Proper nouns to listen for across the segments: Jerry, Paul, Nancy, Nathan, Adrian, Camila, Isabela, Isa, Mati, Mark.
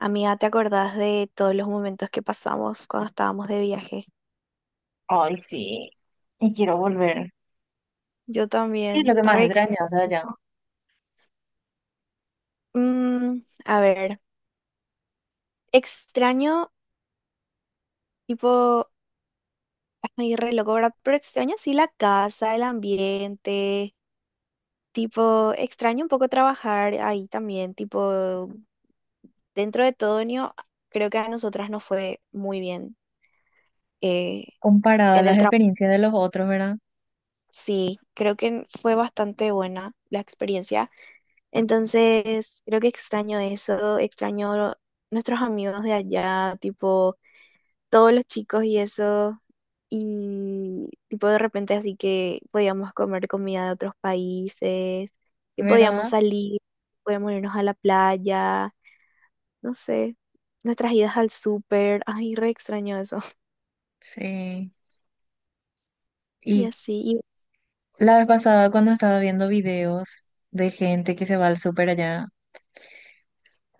Amiga, ¿te acordás de todos los momentos que pasamos cuando estábamos de viaje? Ay, sí. Y quiero volver. Yo ¿Qué es lo también. que más Re ex- extrañas de allá? Mm, a ver, extraño, tipo, ay, re loco, ¿verdad? Pero extraño sí la casa, el ambiente, tipo, extraño un poco trabajar ahí también, tipo, dentro de todo, ño, creo que a nosotras nos fue muy bien eh, Comparado a en las el trabajo. experiencias de los otros, ¿verdad? Sí, creo que fue bastante buena la experiencia. Entonces, creo que extraño eso, extraño nuestros amigos de allá, tipo todos los chicos y eso, y tipo de repente así que podíamos comer comida de otros países, que podíamos ¿Verdad? salir, podíamos irnos a la playa, no sé, nuestras idas al súper, ay, re extraño eso. Sí. Y Y así, y la vez pasada cuando estaba viendo videos de gente que se va al súper allá,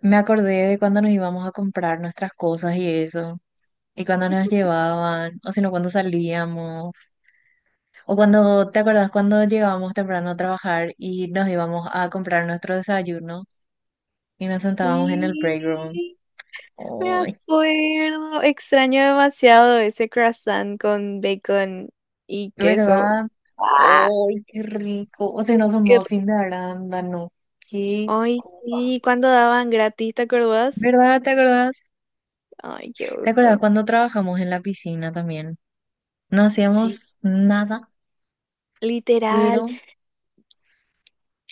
me acordé de cuando nos íbamos a comprar nuestras cosas y eso, y cuando nos llevaban, o si no, cuando salíamos, o cuando, ¿te acordás cuando llegábamos temprano a trabajar y nos íbamos a comprar nuestro desayuno y nos sentábamos en el break room? sí, me Ay, acuerdo, extraño demasiado ese croissant con bacon y queso. ¿verdad? Ah, ¡Ay, qué rico! O sea, no son qué muffins rico. de arándano. ¡Qué Ay, cosa! sí, cuando daban gratis, ¿te acordás? ¿Verdad? ¿Te acordás? Ay, qué ¿Te acordás gusto. cuando trabajamos en la piscina también? No Sí. hacíamos nada, Literal, pero...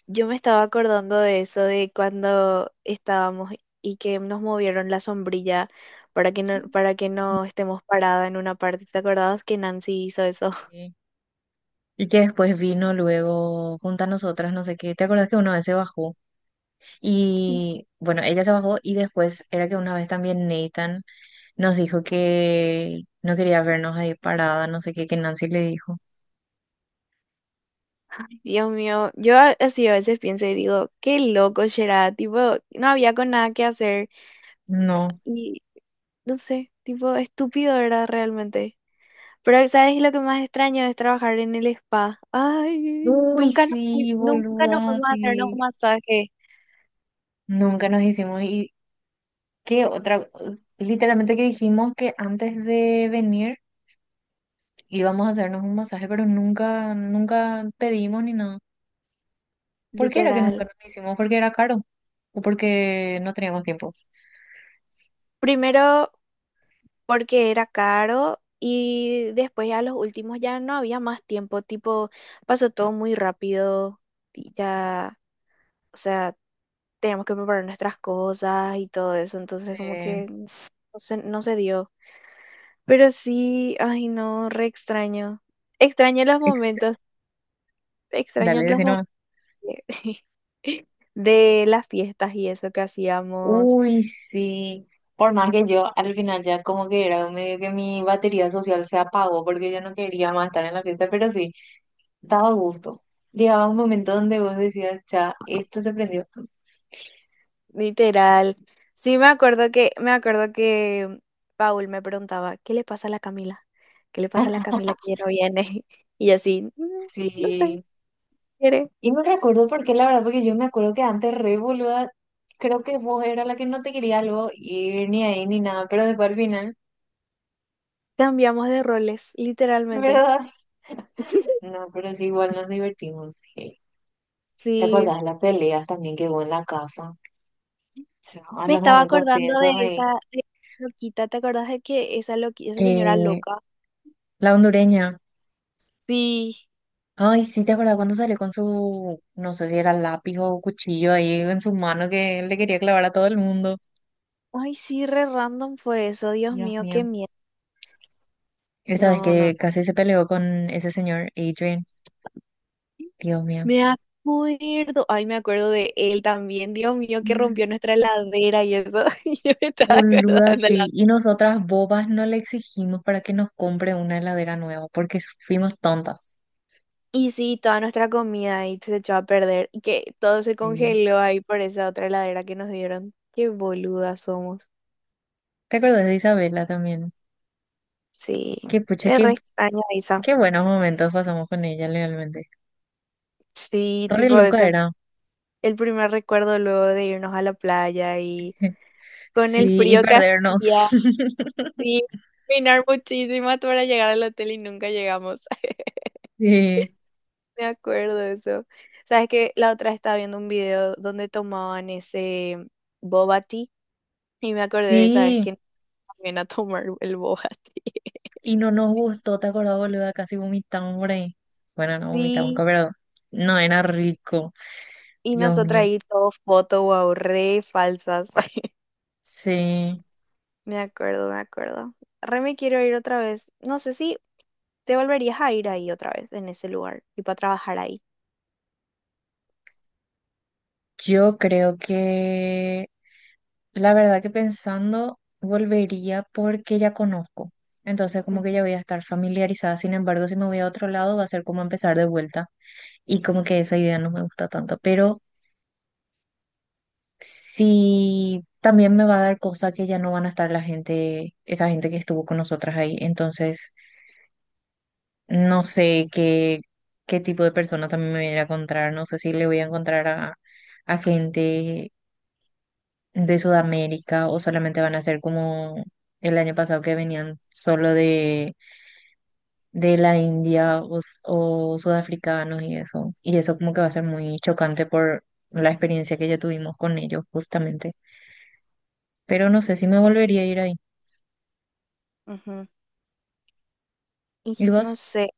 yo me estaba acordando de eso, de cuando estábamos y que nos movieron la sombrilla para que no estemos parados en una parte. ¿Te acordás que Nancy hizo eso? Sí. Y que después vino luego junto a nosotras, no sé qué. ¿Te acordás que una vez se bajó? Sí. Y bueno, ella se bajó y después era que una vez también Nathan nos dijo que no quería vernos ahí parada, no sé qué, que Nancy le dijo. Dios mío, yo a- así a veces pienso y digo, qué loco será, tipo, no había con nada que hacer No. y no sé, tipo, estúpido era realmente. Pero ¿sabes lo que más extraño es trabajar en el spa? Ay, Uy, nunca nos, fui- sí, nunca nos boluda, fuimos a hacernos sí. un masaje, Nunca nos hicimos. ¿Y qué otra? Literalmente que dijimos que antes de venir íbamos a hacernos un masaje, pero nunca, nunca pedimos ni nada. ¿Por qué era que literal. nunca nos hicimos? ¿Porque era caro? ¿O porque no teníamos tiempo? Primero porque era caro y después ya los últimos ya no había más tiempo, tipo, pasó todo muy rápido y ya, o sea, teníamos que preparar nuestras cosas y todo eso, entonces como Eh, que no se dio. Pero sí, ay no, re extraño. Extraño los ex- momentos, extraño Dale, los decí momentos. nomás. De las fiestas y eso que hacíamos, Uy, sí. Por más que yo al final ya como que era medio que mi batería social se apagó porque yo no quería más estar en la fiesta, pero sí, daba gusto. Llegaba un momento donde vos decías, ya, esto se prendió. literal. Sí, me acuerdo que Paul me preguntaba, ¿qué le pasa a la Camila? ¿Qué le pasa a la Camila que ya no viene? Y yo así, "Mm, no sé, Sí, quiere". y me recuerdo por qué, la verdad, porque yo me acuerdo que antes re boluda, creo que vos era la que no te quería luego ir ni ahí ni nada, pero después al final, Cambiamos de roles, literalmente. ¿verdad? No, pero sí, igual nos divertimos. Je. ¿Te Sí, acordás de las peleas también que hubo en la casa? O sea, a me los estaba momentos acordando piensas ahí. de esa loquita, ¿te acordás de que esa loqui- esa señora Eh, loca? la hondureña. Sí. Ay, sí, ¿te acuerdas cuando salió con su, no sé si era lápiz o cuchillo ahí en su mano que le quería clavar a todo el mundo? Ay, sí, re random fue eso, Dios Dios mío, qué mío. miedo. Esa vez No, no. que casi se peleó con ese señor Adrian. Dios mío. Me acuerdo, ay, me acuerdo de él también, Dios mío, que Mm. rompió nuestra heladera y eso, y yo me estaba acordando. Boluda, La- sí. Y nosotras bobas no le exigimos para que nos compre una heladera nueva porque fuimos tontas. Y sí, toda nuestra comida ahí se echó a perder y que todo se Sí. congeló ahí por esa otra heladera que nos dieron. Qué boludas somos. ¿Te acuerdas de Isabela también? Sí, Que pucha, le re qué, extraño a Isa. qué buenos momentos pasamos con ella, realmente. Sí, Re tipo loca ese, era. el primer recuerdo luego de irnos a la playa y con el Sí, y frío que perdernos. hacía, sí, caminar muchísimo hasta para llegar al hotel y nunca llegamos. Sí, Me acuerdo de eso. Sabes que la otra estaba viendo un video donde tomaban ese boba tea y me acordé de sabes vez sí. que también a tomar el boba tea. Y no nos gustó, ¿te acordás, boluda? Casi vomitamos por ahí. Bueno, no vomitamos, Sí, pero no era rico. y Dios nosotras mío. ahí todo foto, wow, re falsas. Sí. Me acuerdo, me acuerdo. Re me quiero ir otra vez. No sé si te volverías a ir ahí otra vez, en ese lugar, y para trabajar ahí. Yo creo que la verdad que pensando, volvería porque ya conozco. Entonces, como que Ujú, ya voy a estar familiarizada. Sin embargo, si me voy a otro lado, va a ser como empezar de vuelta. Y como que esa idea no me gusta tanto. Pero sí, también me va a dar cosas que ya no van a estar la gente, esa gente que estuvo con nosotras ahí. Entonces, no sé qué, qué tipo de persona también me voy a ir a encontrar. No sé si le voy a encontrar a gente de Sudamérica o solamente van a ser como el año pasado que venían solo de la India o, s- o sudafricanos y eso. Y eso como que va a ser muy chocante por la experiencia que ya tuvimos con ellos justamente. Pero no sé si me ujú, volvería a ir ahí. ujú. Y ¿Y vos? no sé,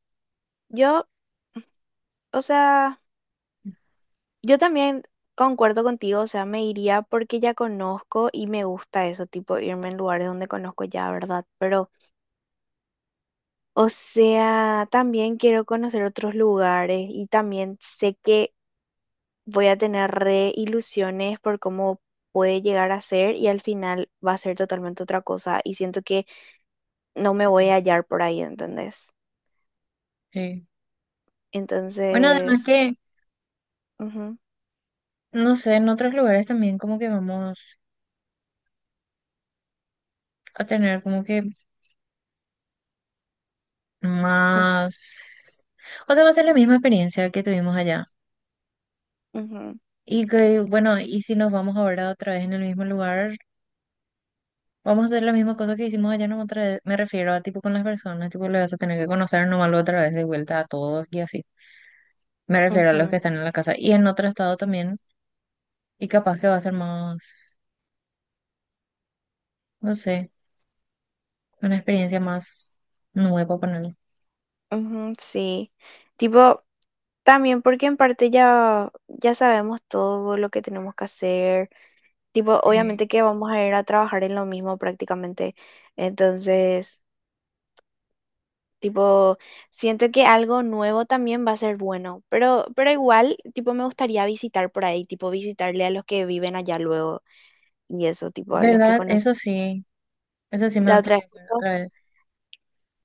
yo, o sea... Yo también concuerdo contigo, o sea, me iría porque ya conozco y me gusta eso, tipo irme en lugares donde conozco ya, ¿verdad? Pero, o sea, también quiero conocer otros lugares y también sé que voy a tener re ilusiones por cómo puede llegar a ser y al final va a ser totalmente otra cosa y siento que no me voy a hallar por ahí, ¿entendés? Sí. Bueno, además Entonces, que, ujú, no sé, en otros lugares también como que vamos a tener como que ujú, más... O sea, va a ser la misma experiencia que tuvimos allá. ujú, Y que, bueno, y si nos vamos ahora otra vez en el mismo lugar, vamos a hacer la misma cosa que hicimos allá no otra vez. Me refiero a tipo con las personas, tipo le vas a tener que conocer nomás otra vez de vuelta a todos y así. Me refiero a los ujú, que están en la casa y en otro estado también. Y capaz que va a ser más, no sé, una experiencia más nueva ponerle. ujú, sí. Tipo, también porque en parte ya sabemos todo lo que tenemos que hacer. Tipo, Sí. obviamente que vamos a ir a trabajar en lo mismo prácticamente. Entonces, tipo, siento que algo nuevo también va a ser bueno. Pero igual, tipo, me gustaría visitar por ahí, tipo, visitarle a los que viven allá luego y eso, tipo, a los que ¿Verdad? conocí. Eso sí me La otra vez gustaría hacer justo otra vez.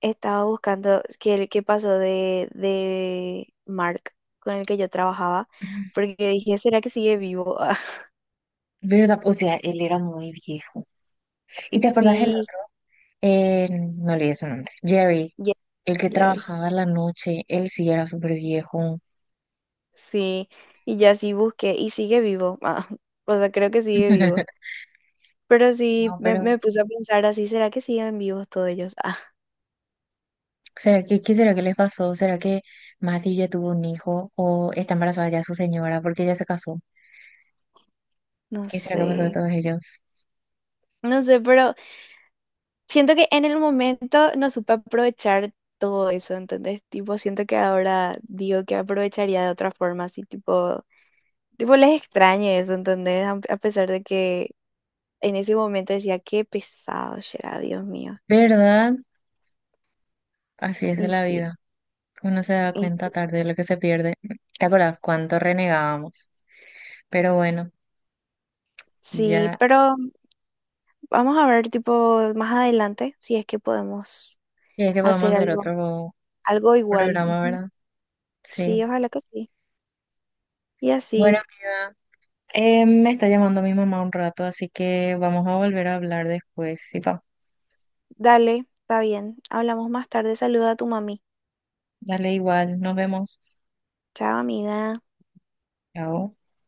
estaba buscando qué, qué pasó de Mark, con el que yo trabajaba, porque dije, ¿será que sigue vivo? ¿Verdad? O sea, él era muy viejo. ¿Y te acordás del Sí. otro? Me olvidé su nombre. Jerry, Ye- el que Jerry. trabajaba a la noche, él sí era súper viejo. Sí, y ya sí busqué y sigue vivo. Ah, o sea, creo que sigue vivo. Pero sí No, me, pero me puse a pensar así, ¿será que siguen vivos todos ellos? Ah, ¿será que, qué será que les pasó? ¿Será que Mati ya tuvo un hijo o está embarazada ya su señora porque ya se casó? no ¿Qué será que pasó de sé. todos ellos? No sé, pero siento que en el momento no supe aprovechar todo eso, ¿entendés? Tipo, siento que ahora digo que aprovecharía de otra forma, así tipo, tipo les extrañe eso, ¿entendés? A pesar de que en ese momento decía, qué pesado será, Dios mío. ¿Verdad? Así es Y la sí, vida. Uno se da y cuenta sí. tarde de lo que se pierde. ¿Te acuerdas cuánto renegábamos? Pero bueno, Sí, ya, pero vamos a ver, tipo, más adelante, si es que podemos ya es que podemos hacer hacer algo, otro algo igual. programa, Ujú. ¿verdad? Sí, Sí. ojalá que sí. Y Bueno, así, amiga, me está llamando mi mamá un rato, así que vamos a volver a hablar después. Sí, pa. dale, está bien. Hablamos más tarde. Saluda a tu mami. Dale igual, nos vemos. Chao, amiga. Chao.